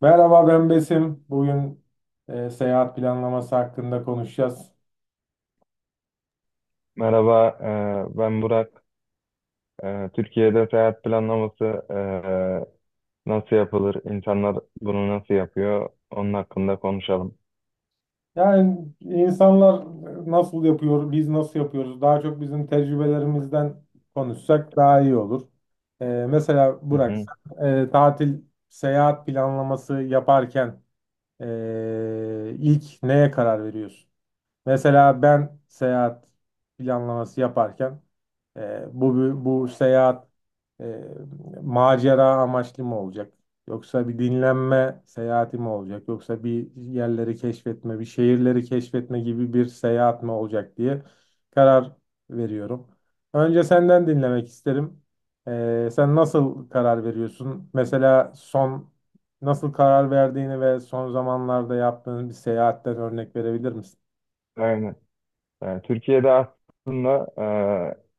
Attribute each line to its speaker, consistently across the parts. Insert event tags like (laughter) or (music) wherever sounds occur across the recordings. Speaker 1: Merhaba ben Besim. Bugün seyahat planlaması hakkında konuşacağız.
Speaker 2: Merhaba, ben Burak. Türkiye'de seyahat planlaması e, nasıl yapılır? İnsanlar bunu nasıl yapıyor? Onun hakkında konuşalım.
Speaker 1: Yani insanlar nasıl yapıyor, biz nasıl yapıyoruz? Daha çok bizim tecrübelerimizden konuşsak daha iyi olur. Mesela
Speaker 2: Hı
Speaker 1: Burak,
Speaker 2: hı.
Speaker 1: sen, tatil, seyahat planlaması yaparken ilk neye karar veriyorsun? Mesela ben seyahat planlaması yaparken e, bu bu seyahat e, macera amaçlı mı olacak? Yoksa bir dinlenme seyahati mi olacak? Yoksa bir yerleri keşfetme, bir şehirleri keşfetme gibi bir seyahat mi olacak diye karar veriyorum. Önce senden dinlemek isterim. Sen nasıl karar veriyorsun? Mesela son nasıl karar verdiğini ve son zamanlarda yaptığın bir seyahatten örnek verebilir misin?
Speaker 2: Aynen. Türkiye'de aslında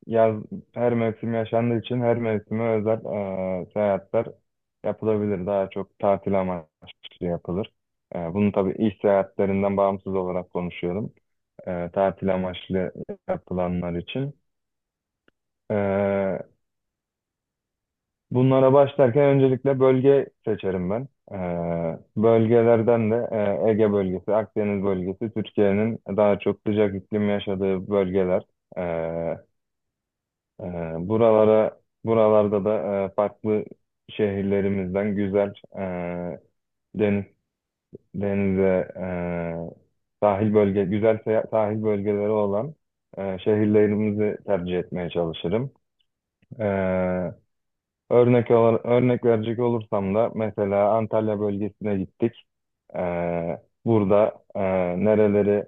Speaker 2: yaz her mevsim yaşandığı için her mevsime özel seyahatler yapılabilir. Daha çok tatil amaçlı yapılır. Bunu tabii iş seyahatlerinden bağımsız olarak konuşuyorum. Tatil amaçlı yapılanlar için. E, Bunlara başlarken öncelikle bölge seçerim ben. Bölgelerden de Ege bölgesi, Akdeniz bölgesi, Türkiye'nin daha çok sıcak iklim yaşadığı bölgeler. Ee, e, Buralara, buralarda da farklı şehirlerimizden güzel e, deniz, denize, sahil bölge, güzel sahil bölgeleri olan şehirlerimizi tercih etmeye çalışırım. Ee, Örnek olarak, örnek verecek olursam da mesela Antalya bölgesine gittik. Ee, Burada nereleri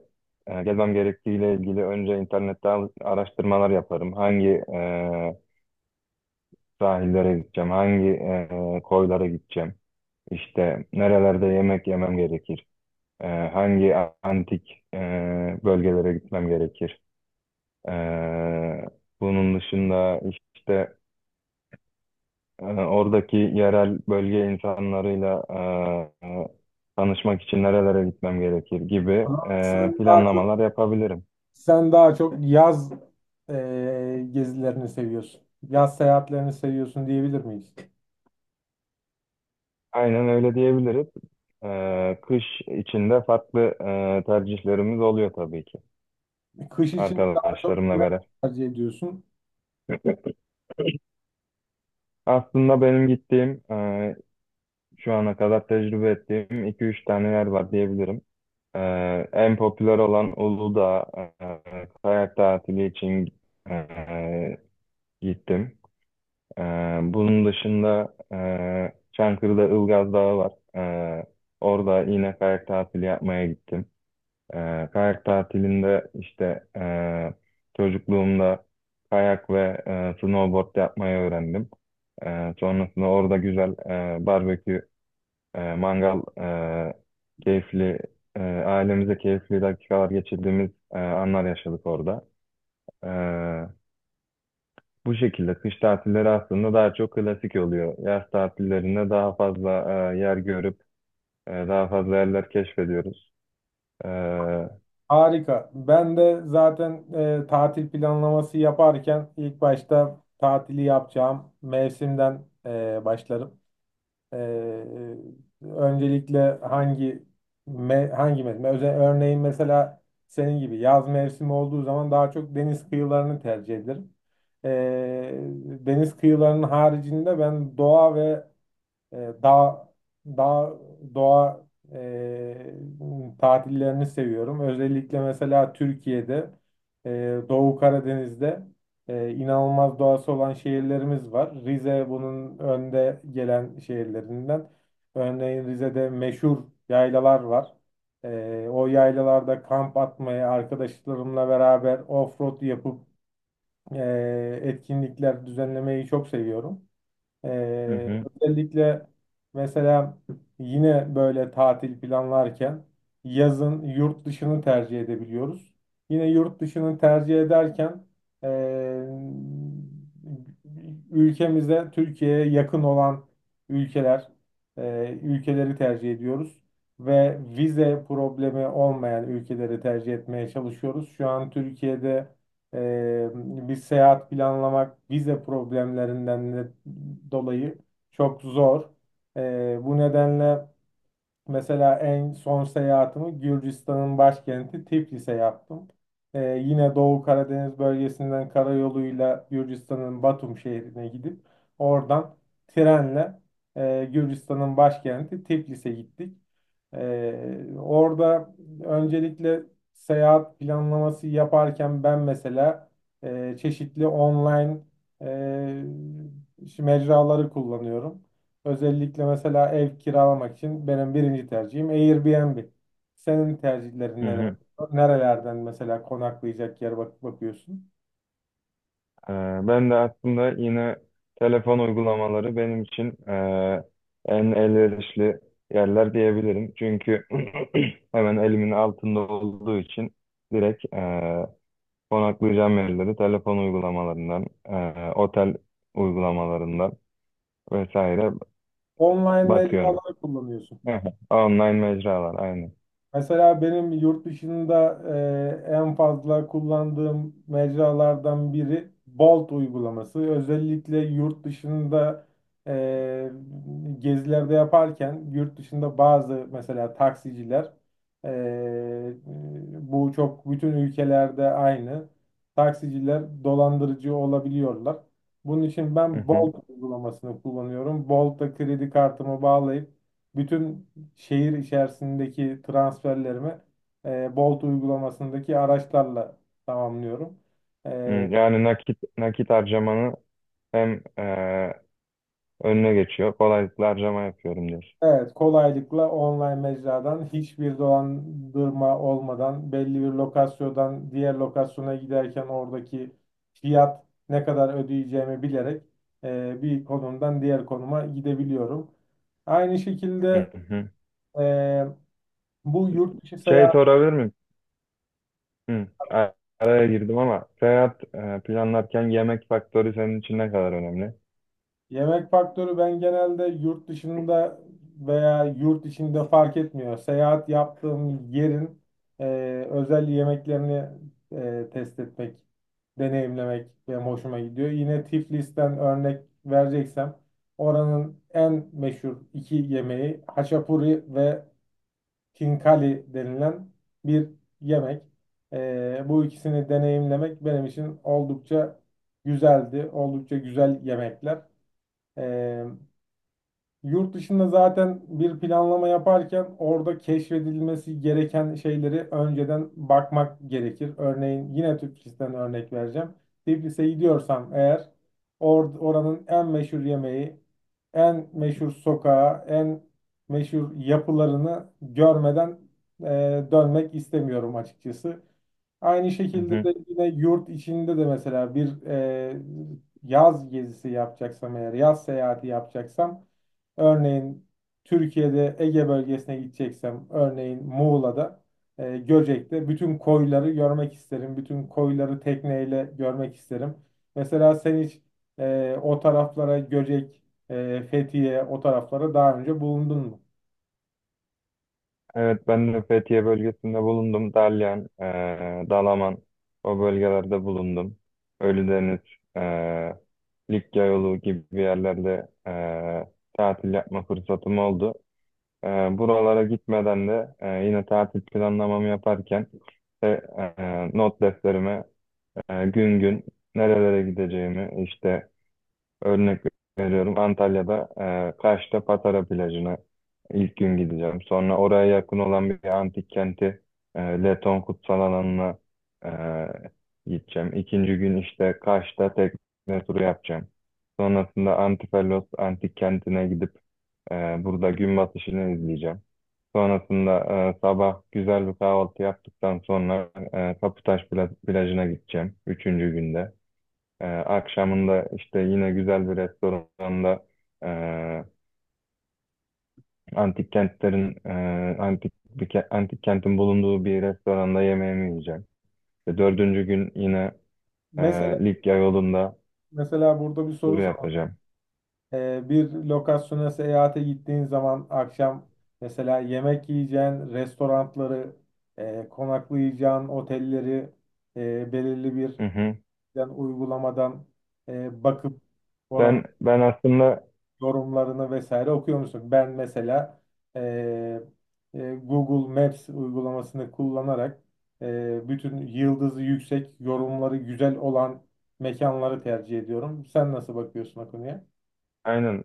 Speaker 2: gezmem gerektiğiyle ilgili önce internette araştırmalar yaparım. Hangi e, sahillere gideceğim, hangi koylara gideceğim, işte nerelerde yemek yemem gerekir, e, hangi antik bölgelere gitmem gerekir. E, Bunun dışında işte oradaki yerel bölge insanlarıyla e, e, tanışmak için nerelere gitmem gerekir gibi
Speaker 1: Ama sen daha çok
Speaker 2: planlamalar yapabilirim.
Speaker 1: yaz gezilerini seviyorsun. Yaz seyahatlerini seviyorsun diyebilir miyiz?
Speaker 2: Aynen öyle diyebiliriz. Kış içinde farklı tercihlerimiz oluyor tabii ki,
Speaker 1: Kış için daha çok
Speaker 2: arkadaşlarımla
Speaker 1: ne
Speaker 2: beraber.
Speaker 1: tercih ediyorsun?
Speaker 2: Aslında benim gittiğim, şu ana kadar tecrübe ettiğim iki üç tane yer var diyebilirim. E, En popüler olan Uludağ, kayak tatili için e, gittim. Bunun dışında Çankırı'da Ilgaz Dağı var. Orada yine kayak tatili yapmaya gittim. Kayak tatilinde işte çocukluğumda kayak ve snowboard yapmayı öğrendim. Sonrasında orada güzel barbekü, mangal, e, keyifli, ailemize keyifli dakikalar geçirdiğimiz anlar yaşadık orada. Bu şekilde kış tatilleri aslında daha çok klasik oluyor. Yaz tatillerinde daha fazla yer görüp daha fazla yerler keşfediyoruz. Hı
Speaker 1: Harika. Ben de zaten tatil planlaması yaparken ilk başta tatili yapacağım mevsimden başlarım. Ee, Öncelikle hangi hangi mevsim? Örneğin mesela senin gibi yaz mevsimi olduğu zaman daha çok deniz kıyılarını tercih ederim. Ee, Deniz kıyılarının haricinde ben doğa ve e, dağ, dağ, doğa tatillerini seviyorum. Özellikle mesela Türkiye'de Doğu Karadeniz'de inanılmaz doğası olan şehirlerimiz var. Rize bunun önde gelen şehirlerinden. Örneğin Rize'de meşhur yaylalar var. O yaylalarda kamp atmayı arkadaşlarımla beraber off-road yapıp etkinlikler düzenlemeyi çok seviyorum. Ee,
Speaker 2: hı,
Speaker 1: Özellikle mesela yine böyle tatil planlarken yazın yurt dışını tercih edebiliyoruz. Yine yurt dışını tercih ederken ee, ülkemize, Türkiye'ye yakın olan ülkeler, ülkeleri tercih ediyoruz. Ve vize problemi olmayan ülkeleri tercih etmeye çalışıyoruz. Şu an Türkiye'de ee, bir seyahat planlamak vize problemlerinden de dolayı çok zor. Bu nedenle mesela en son seyahatimi Gürcistan'ın başkenti Tiflis'e yaptım. Ee, Yine Doğu Karadeniz bölgesinden karayoluyla Gürcistan'ın Batum şehrine gidip oradan trenle Gürcistan'ın başkenti Tiflis'e gittik. Orada öncelikle seyahat planlaması yaparken ben mesela çeşitli online e, mecraları kullanıyorum. Özellikle mesela ev kiralamak için benim birinci tercihim Airbnb. Senin
Speaker 2: hı
Speaker 1: tercihlerin neler?
Speaker 2: hı.
Speaker 1: Nerelerden mesela konaklayacak yer bakıyorsun?
Speaker 2: E, Ben de aslında yine telefon uygulamaları benim için en elverişli yerler diyebilirim. Çünkü (clears throat) hemen elimin altında olduğu için direkt konaklayacağım yerleri telefon uygulamalarından, otel uygulamalarından vesaire
Speaker 1: Online
Speaker 2: bakıyorum.
Speaker 1: mecraları kullanıyorsun.
Speaker 2: Aha, online mecralar aynen.
Speaker 1: Mesela benim yurt dışında en fazla kullandığım mecralardan biri Bolt uygulaması. Özellikle yurt dışında e, gezilerde yaparken yurt dışında bazı mesela taksiciler, e, bu çok bütün ülkelerde aynı, taksiciler dolandırıcı olabiliyorlar. Bunun için
Speaker 2: Hı
Speaker 1: ben
Speaker 2: hı.
Speaker 1: Bolt uygulamasını kullanıyorum. Bolt'ta kredi kartımı bağlayıp bütün şehir içerisindeki transferlerimi Bolt uygulamasındaki araçlarla tamamlıyorum.
Speaker 2: Hı,
Speaker 1: E,
Speaker 2: yani nakit nakit harcamanı hem önüne geçiyor. Kolaylıkla harcama yapıyorum diyorsun.
Speaker 1: evet, kolaylıkla online mecradan hiçbir dolandırma olmadan belli bir lokasyondan diğer lokasyona giderken oradaki fiyat ne kadar ödeyeceğimi bilerek bir konumdan diğer konuma gidebiliyorum. Aynı
Speaker 2: Hı
Speaker 1: şekilde
Speaker 2: hı.
Speaker 1: e, bu yurt dışı
Speaker 2: Şey
Speaker 1: seyahat
Speaker 2: sorabilir miyim? Hı. a- Araya girdim ama seyahat planlarken yemek faktörü senin için ne kadar önemli?
Speaker 1: yemek faktörü ben genelde yurt dışında veya yurt içinde fark etmiyor. Seyahat yaptığım yerin e, özel yemeklerini test etmek, deneyimlemek benim hoşuma gidiyor. Yine Tiflis'ten örnek vereceksem oranın en meşhur iki yemeği haşapuri ve kinkali denilen bir yemek. Bu ikisini deneyimlemek benim için oldukça güzeldi. Oldukça güzel yemekler. Ee, Yurt dışında zaten bir planlama yaparken orada keşfedilmesi gereken şeyleri önceden bakmak gerekir. Örneğin yine Tiflis'ten örnek vereceğim. Tiflis'e gidiyorsam eğer oranın en meşhur yemeği, en meşhur sokağı, en meşhur yapılarını görmeden e, dönmek istemiyorum açıkçası. Aynı
Speaker 2: Hı
Speaker 1: şekilde
Speaker 2: hı.
Speaker 1: de yine yurt içinde de mesela bir yaz gezisi yapacaksam eğer yaz seyahati yapacaksam, örneğin Türkiye'de Ege bölgesine gideceksem örneğin Muğla'da Göcek'te bütün koyları görmek isterim. Bütün koyları tekneyle görmek isterim. Mesela sen hiç o taraflara Göcek, Fethiye o taraflara daha önce bulundun mu?
Speaker 2: Evet, ben de Fethiye bölgesinde bulundum. Dalyan, Dalaman, o bölgelerde bulundum. Ölüdeniz, eee Likya yolu gibi yerlerde tatil yapma fırsatım oldu. Eee, Buralara gitmeden de yine tatil planlamamı yaparken işte, not defterime gün gün nerelere gideceğimi, işte örnek veriyorum, Antalya'da Kaş'ta Patara plajına ilk gün gideceğim. Sonra oraya yakın olan bir antik kenti, Leton Kutsal Alanı'na gideceğim. İkinci gün işte Kaş'ta tekne turu yapacağım. Sonrasında Antipalos antik kentine gidip e, burada gün batışını izleyeceğim. Sonrasında sabah güzel bir kahvaltı yaptıktan sonra Kaputaş plajına gideceğim. Üçüncü günde. Akşamında işte yine güzel bir restoranda, e, antik kentlerin e, antik bir ke- antik kentin bulunduğu bir restoranda yemeğimi yiyeceğim. Ve dördüncü gün yine e,
Speaker 1: Mesela
Speaker 2: Likya yolunda
Speaker 1: mesela burada bir
Speaker 2: tur
Speaker 1: soru sor.
Speaker 2: yapacağım.
Speaker 1: Bir lokasyona seyahate gittiğin zaman akşam mesela yemek yiyeceğin restoranları, konaklayacağın otelleri, belirli bir
Speaker 2: Hı hı.
Speaker 1: yani uygulamadan bakıp oranın
Speaker 2: Ben aslında,
Speaker 1: yorumlarını vesaire okuyor musun? Ben mesela e, Google Maps uygulamasını kullanarak bütün yıldızı yüksek, yorumları güzel olan mekanları tercih ediyorum. Sen nasıl bakıyorsun o konuya?
Speaker 2: aynen,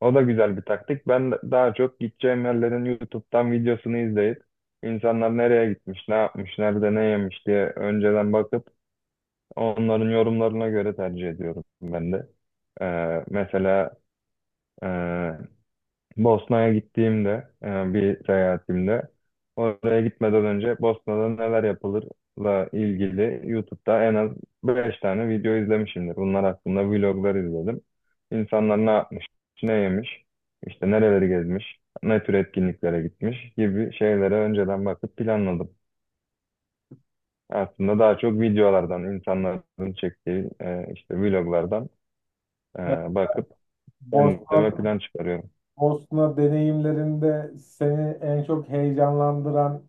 Speaker 2: o da güzel bir taktik. Daha çok gideceğim yerlerin YouTube'dan videosunu izleyip, insanlar nereye gitmiş, ne yapmış, nerede ne yemiş diye önceden bakıp onların yorumlarına göre tercih ediyorum ben de. Mesela, e, Bosna'ya gittiğimde, bir seyahatimde, oraya gitmeden önce Bosna'da neler yapılırla ilgili YouTube'da en az 5 tane video izlemişimdir. Bunlar hakkında vloglar izledim. İnsanlar ne yapmış, ne yemiş, işte nereleri gezmiş, ne tür etkinliklere gitmiş gibi şeylere önceden bakıp planladım. Aslında daha çok videolardan, insanların çektiği işte vloglardan,
Speaker 1: Ben
Speaker 2: Ee, bakıp
Speaker 1: Bosna
Speaker 2: kendime plan çıkarıyorum.
Speaker 1: Bosna deneyimlerinde seni en çok heyecanlandıran,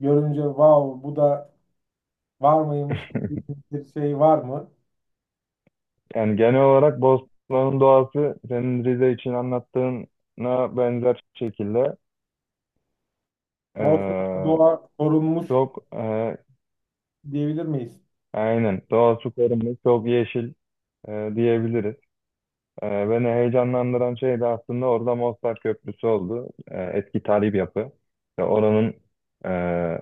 Speaker 1: görünce wow bu da var mıymış gibi bir şey var mı?
Speaker 2: Yani genel olarak Bosna'nın doğası senin Rize için anlattığına benzer şekilde,
Speaker 1: Bosna'da
Speaker 2: ee,
Speaker 1: doğa korunmuş
Speaker 2: çok,
Speaker 1: diyebilir miyiz?
Speaker 2: aynen doğası korunmuş, çok yeşil, diyebiliriz. Beni heyecanlandıran şey de aslında orada Mostar Köprüsü oldu. Eski tarihi bir yapı. Ve oranın ee,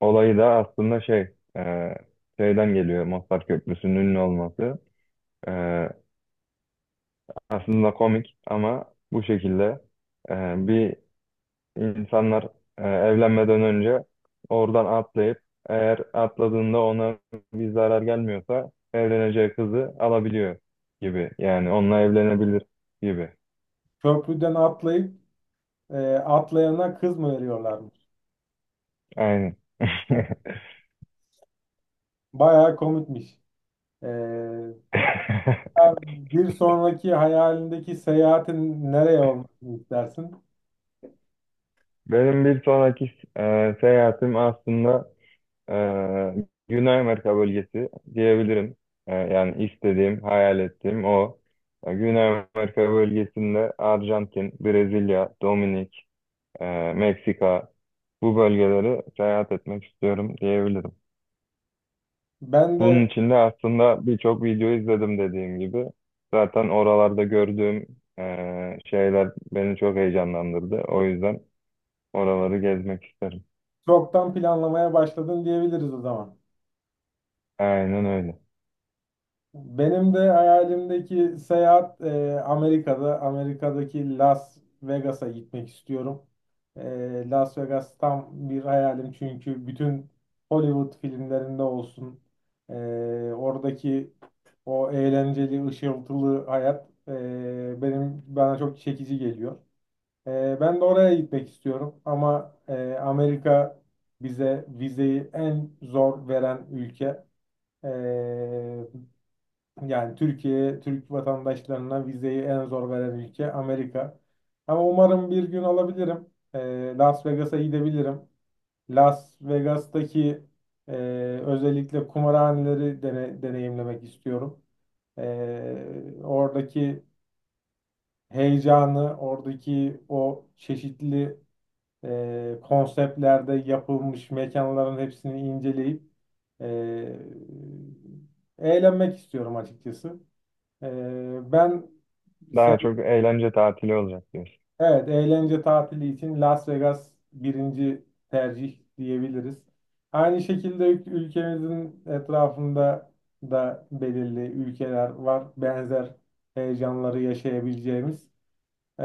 Speaker 2: olayı da aslında şey, ee, şeyden geliyor, Mostar Köprüsü'nün ünlü olması. E, Aslında komik ama bu şekilde, e, bir insanlar evlenmeden önce oradan atlayıp, eğer atladığında ona bir zarar gelmiyorsa, evleneceği kızı alabiliyor gibi. Yani onunla evlenebilir gibi.
Speaker 1: Köprüden atlayıp atlayana kız mı veriyorlarmış?
Speaker 2: Aynen. (laughs)
Speaker 1: Bayağı komikmiş. E, Bir sonraki hayalindeki seyahatin nereye olmasını istersin?
Speaker 2: Benim bir sonraki seyahatim aslında, Ee, Güney Amerika bölgesi diyebilirim. Yani istediğim, hayal ettiğim o. Güney Amerika bölgesinde Arjantin, Brezilya, Dominik, Meksika, bu bölgeleri seyahat etmek istiyorum diyebilirim.
Speaker 1: Ben
Speaker 2: Bunun
Speaker 1: de
Speaker 2: için de aslında birçok video izledim dediğim gibi. Zaten oralarda gördüğüm şeyler beni çok heyecanlandırdı. O yüzden oraları gezmek isterim.
Speaker 1: çoktan planlamaya başladım diyebiliriz o zaman.
Speaker 2: Aynen öyle.
Speaker 1: Benim de hayalimdeki seyahat Amerika'da. Amerika'daki Las Vegas'a gitmek istiyorum. Las Vegas tam bir hayalim çünkü bütün Hollywood filmlerinde olsun. e, Oradaki o eğlenceli, ışıltılı hayat e, benim bana çok çekici geliyor. Ben de oraya gitmek istiyorum ama Amerika bize vizeyi en zor veren ülke. E, Yani Türk vatandaşlarına vizeyi en zor veren ülke Amerika. Ama umarım bir gün alabilirim. Las Vegas'a gidebilirim. Las Vegas'taki e, özellikle kumarhaneleri deneyimlemek istiyorum. Oradaki heyecanı, oradaki o çeşitli konseptlerde yapılmış mekanların hepsini inceleyip e, eğlenmek istiyorum açıkçası. Ee, ben Se-
Speaker 2: Daha çok eğlence tatili olacak diyorsun.
Speaker 1: Evet, eğlence tatili için Las Vegas birinci tercih diyebiliriz. Aynı şekilde ülkemizin etrafında da belirli ülkeler var. Benzer heyecanları yaşayabileceğimiz. Ee,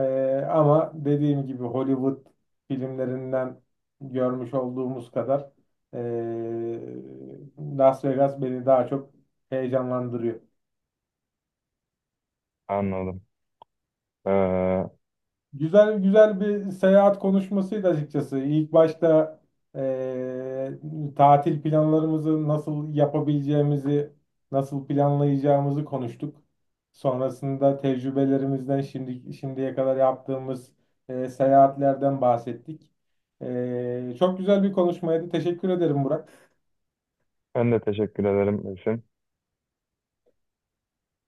Speaker 1: Ama dediğim gibi Hollywood filmlerinden görmüş olduğumuz kadar ee, Las Vegas beni daha çok heyecanlandırıyor.
Speaker 2: Anladım. Ee,
Speaker 1: Güzel bir seyahat konuşmasıydı açıkçası. İlk başta eee, tatil planlarımızı nasıl yapabileceğimizi, nasıl planlayacağımızı konuştuk. Sonrasında tecrübelerimizden şimdiye kadar yaptığımız seyahatlerden bahsettik. Çok güzel bir konuşmaydı. Teşekkür ederim Burak.
Speaker 2: Ben de teşekkür ederim, Esin.